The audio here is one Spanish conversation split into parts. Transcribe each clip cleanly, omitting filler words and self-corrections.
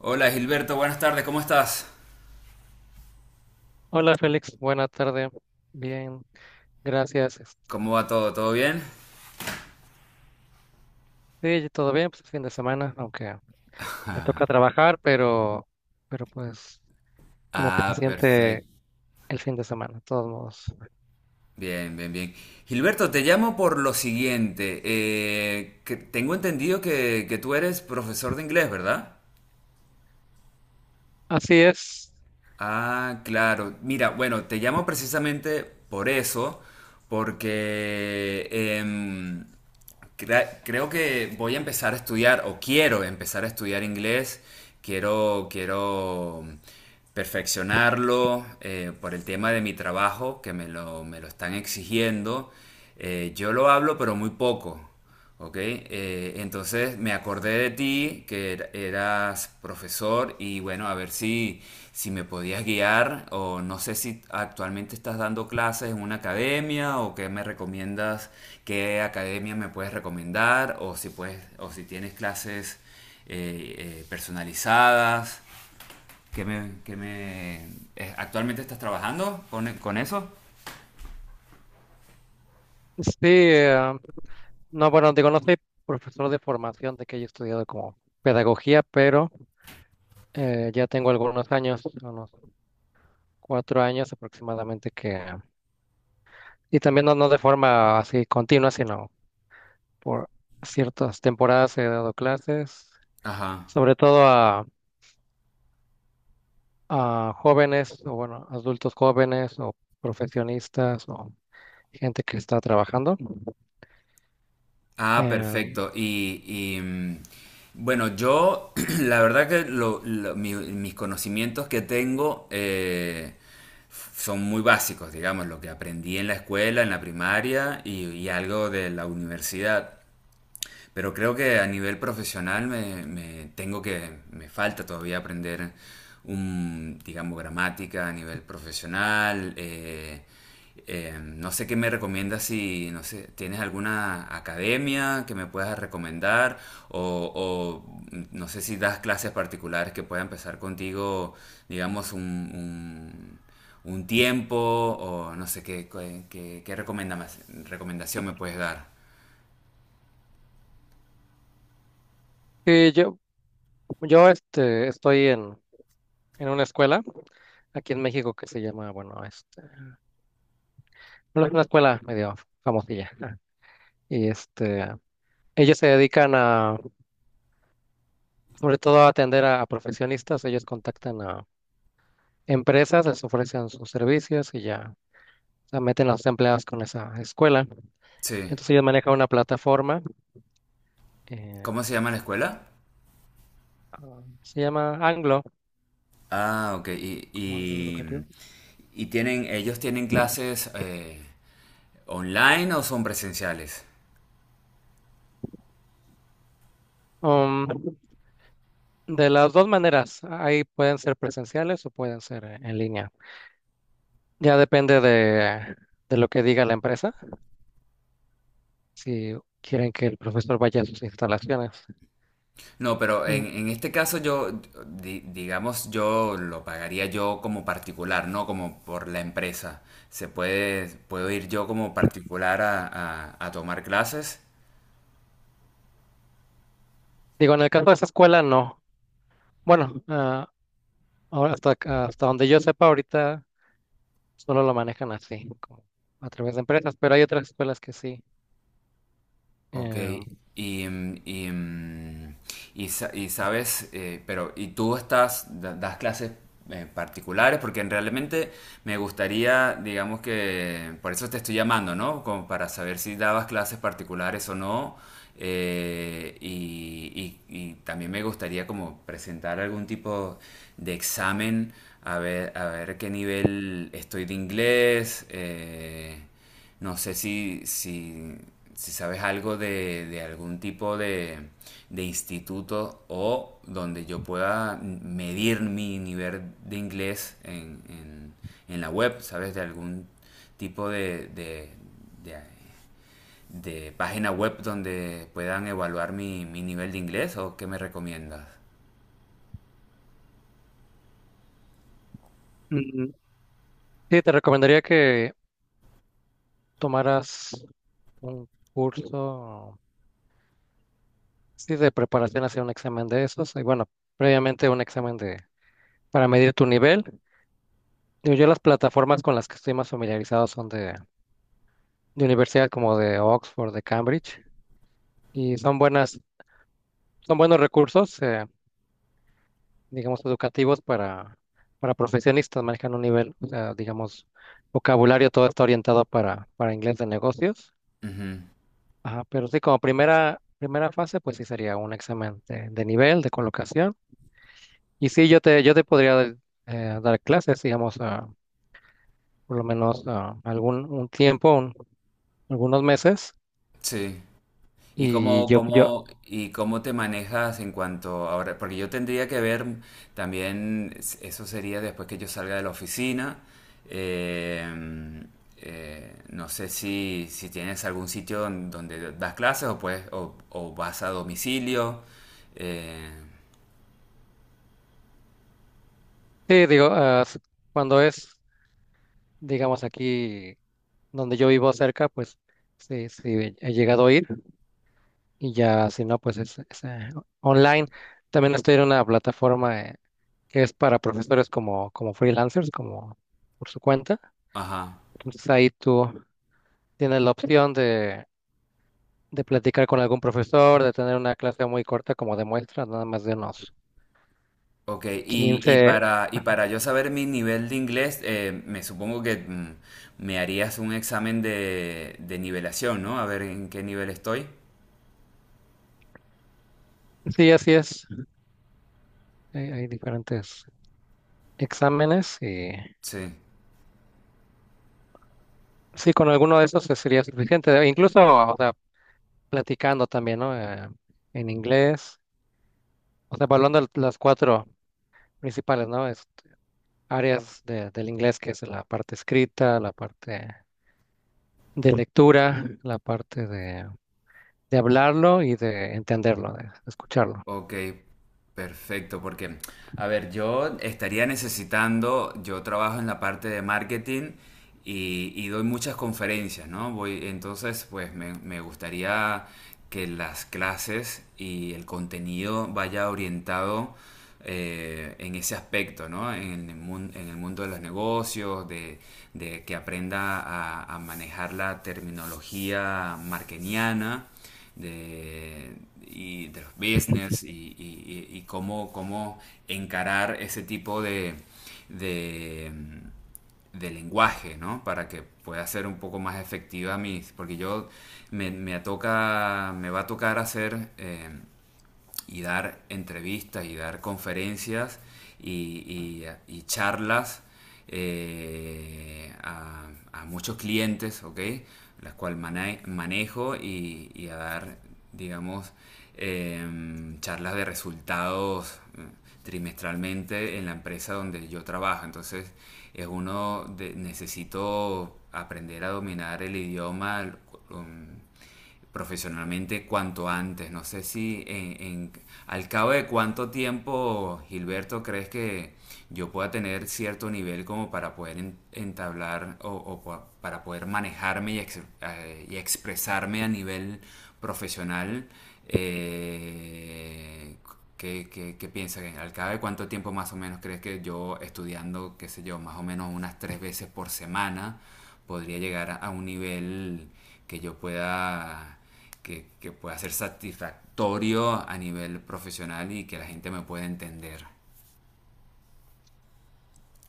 Hola Gilberto, buenas tardes, ¿cómo estás? Hola Félix, buena tarde. Bien, gracias. ¿Cómo va todo? ¿Todo bien? Sí, todo bien, pues es fin de semana, aunque me toca trabajar, pero pues como que se Ah, siente perfecto. el fin de semana, de todos modos. Bien, bien, bien. Gilberto, te llamo por lo siguiente. Que tengo entendido que, tú eres profesor de inglés, ¿verdad? Así es. Ah, claro. Mira, bueno, te llamo precisamente por eso, porque creo que voy a empezar a estudiar, o quiero empezar a estudiar inglés, quiero perfeccionarlo, por el tema de mi trabajo, que me lo están exigiendo. Yo lo hablo, pero muy poco. Ok, entonces me acordé de ti, que eras profesor y bueno, a ver si, si me podías guiar, o no sé si actualmente estás dando clases en una academia o qué me recomiendas, qué academia me puedes recomendar, o si puedes, o si tienes clases eh, personalizadas. ¿Qué me, qué me, eh, Actualmente, ¿estás trabajando con eso? Sí, no, bueno, digo, no soy profesor de formación, de que haya estudiado como pedagogía, pero ya tengo algunos años, unos cuatro años aproximadamente que, y también no, no de forma así continua, sino por ciertas temporadas he dado clases Ajá. sobre todo a jóvenes o bueno, adultos jóvenes o profesionistas o gente que está trabajando. Ah, Eh, perfecto. Y, mm, bueno, yo la verdad que mis conocimientos que tengo, son muy básicos, digamos, lo que aprendí en la escuela, en la primaria y algo de la universidad. Pero creo que a nivel profesional me falta todavía aprender un, digamos, gramática a nivel profesional. No sé qué me recomiendas, si, no sé, tienes alguna academia que me puedas recomendar, o, o, no sé si das clases particulares que pueda empezar contigo, digamos, un- un tiempo, o no sé qué, qué recomendación me puedes dar. y yo, yo estoy en una escuela aquí en México que se llama, bueno, bueno, es una escuela medio famosilla. Y ellos se dedican a, sobre todo a atender a profesionistas. Ellos contactan a empresas, les ofrecen sus servicios y ya. O sea, meten a los empleados con esa escuela. Sí. Entonces ellos manejan una plataforma eh, ¿Cómo se llama la escuela? ah, se llama Anglo, Ah, ok. Como Anglo Educativo. Y tienen, ellos tienen clases, ¿online o son presenciales? Um, de las dos maneras, ahí pueden ser presenciales o pueden ser en línea. Ya depende de lo que diga la empresa, si quieren que el profesor vaya a sus instalaciones. No, pero Mm, en este caso yo, digamos, yo lo pagaría yo como particular, no como por la empresa. Puedo ir yo como particular a, a tomar clases. Digo, en el caso de esa escuela, no. Bueno, ahora hasta, hasta donde yo sepa, ahorita solo lo manejan así, como a través de empresas, pero hay otras escuelas que sí. Ok, Eh, y, mm, y, mm, y y sabes, pero, ¿y tú estás, das clases, particulares? Porque realmente me gustaría, digamos que, por eso te estoy llamando, ¿no? Como para saber si dabas clases particulares o no. Y, y también me gustaría como presentar algún tipo de examen, a ver qué nivel estoy de inglés. No sé si sabes algo de algún tipo de instituto, o donde yo pueda medir mi nivel de inglés en, en la web, ¿sabes? De algún tipo de, de- de página web donde puedan evaluar mi, mi nivel de inglés, o qué me recomiendas. mm, sí, te recomendaría que tomaras un curso. Sí, de preparación hacia un examen de esos. Y bueno, previamente un examen de para medir tu nivel. Digo, yo las plataformas con las que estoy más familiarizado son de universidades como de Oxford, de Cambridge, y son buenas, son buenos recursos, digamos, educativos para profesionistas. Manejan un nivel, o sea, digamos, vocabulario, todo está orientado para inglés de negocios. Ujú. Ajá, pero sí, como primera, primera fase, pues sí sería un examen de nivel, de colocación. Y sí, yo te podría dar clases, digamos, por lo menos algún un tiempo, algunos meses. Sí. ¿Y Y cómo, yo, yo cómo, y cómo te manejas en cuanto ahora? Porque yo tendría que ver también, eso sería después que yo salga de la oficina. eh, no sé si, si tienes algún sitio donde das clases, o, puedes, o vas a domicilio. eh, sí, digo, cuando es, digamos, aquí donde yo vivo cerca, pues sí, sí, he llegado a ir. Y ya, si no, pues es online. También estoy en una plataforma que es para profesores como, como freelancers, como por su cuenta. ajá. Entonces ahí tú tienes la opción de platicar con algún profesor, de tener una clase muy corta como de muestra, nada más de unos Ok, quince. Y para yo saber mi nivel de inglés, me supongo que, me harías un examen de nivelación, ¿no? A ver en qué nivel estoy. Sí, así es. Hay diferentes exámenes y Sí. sí, con alguno de esos sería suficiente. Incluso, o sea, platicando también, ¿no? En inglés, o sea, evaluando las cuatro principales, ¿no? Áreas del inglés, que es la parte escrita, la parte de lectura, la parte de hablarlo y de entenderlo, de escucharlo. Ok, perfecto, porque, a ver, yo estaría necesitando, yo trabajo en la parte de marketing y doy muchas conferencias, ¿no? Voy, entonces, pues me gustaría que las clases y el contenido vaya orientado, en ese aspecto, ¿no? En el, en el mundo de los negocios, de que aprenda a manejar la terminología marketiana de, y de los business y, y cómo, cómo encarar ese tipo de, de lenguaje, ¿no? Para que pueda ser un poco más efectiva mis... Porque yo me toca, me va a tocar hacer... Y dar entrevistas y dar conferencias y, y, y charlas, a, muchos clientes, ¿ok? Las cuales manejo y, a dar, digamos, charlas de resultados, trimestralmente en la empresa donde yo trabajo. Entonces, es uno, de, necesito aprender a dominar el idioma. Um, Profesionalmente cuanto antes. No sé si en, al cabo de cuánto tiempo, Gilberto, crees que yo pueda tener cierto nivel como para poder entablar, o para poder manejarme y, y expresarme a nivel profesional. Eh, ¿Qué, qué, qué piensas? ¿Al cabo de cuánto tiempo más o menos crees que yo estudiando, qué sé yo, más o menos unas tres veces por semana, podría llegar a un nivel que yo pueda que pueda ser satisfactorio a nivel profesional y que la gente me pueda entender?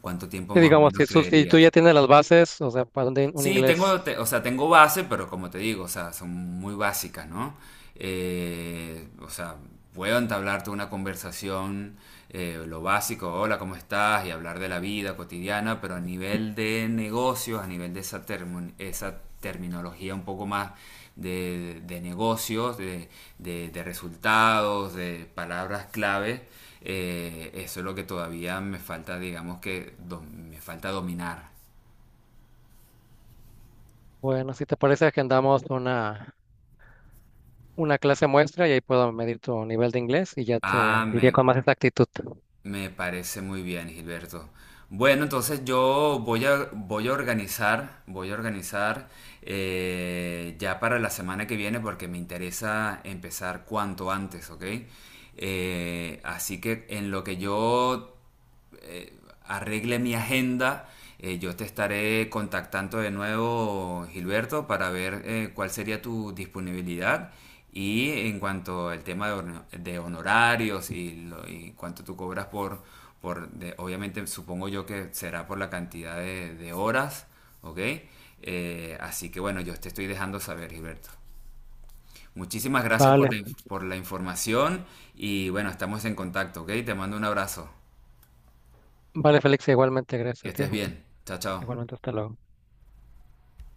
¿Cuánto tiempo Sí, más o digamos, menos si tú creerías? ya tienes las bases, o sea, para un, un Sí, inglés, tengo, o sea, tengo base, pero como te digo, o sea, son muy básicas, ¿no? O sea, puedo entablarte una conversación, lo básico, hola, ¿cómo estás? Y hablar de la vida cotidiana, pero a nivel de negocios, a nivel de esa, esa terminología un poco más de negocios, de, de resultados, de palabras clave, eso es lo que todavía me falta, digamos que, me falta dominar. bueno, si te parece, agendamos una clase muestra y ahí puedo medir tu nivel de inglés y ya te Ah, diría con me, más exactitud. Me parece muy bien, Gilberto. Bueno, entonces yo voy a, voy a organizar, ya para la semana que viene porque me interesa empezar cuanto antes, ¿ok? Así que en lo que yo eh, arregle mi agenda, yo te estaré contactando de nuevo, Gilberto, para ver, cuál sería tu disponibilidad. Y en cuanto al tema de, de honorarios y, y cuánto tú cobras por obviamente supongo yo que será por la cantidad de horas, ¿ok? Así que bueno, yo te estoy dejando saber, Gilberto. Muchísimas gracias por Vale, la, por la información y bueno, estamos en contacto, ¿ok? Te mando un abrazo. vale, Félix, igualmente, gracias Que a ti. estés bien. Chao, chao. Igualmente, hasta luego.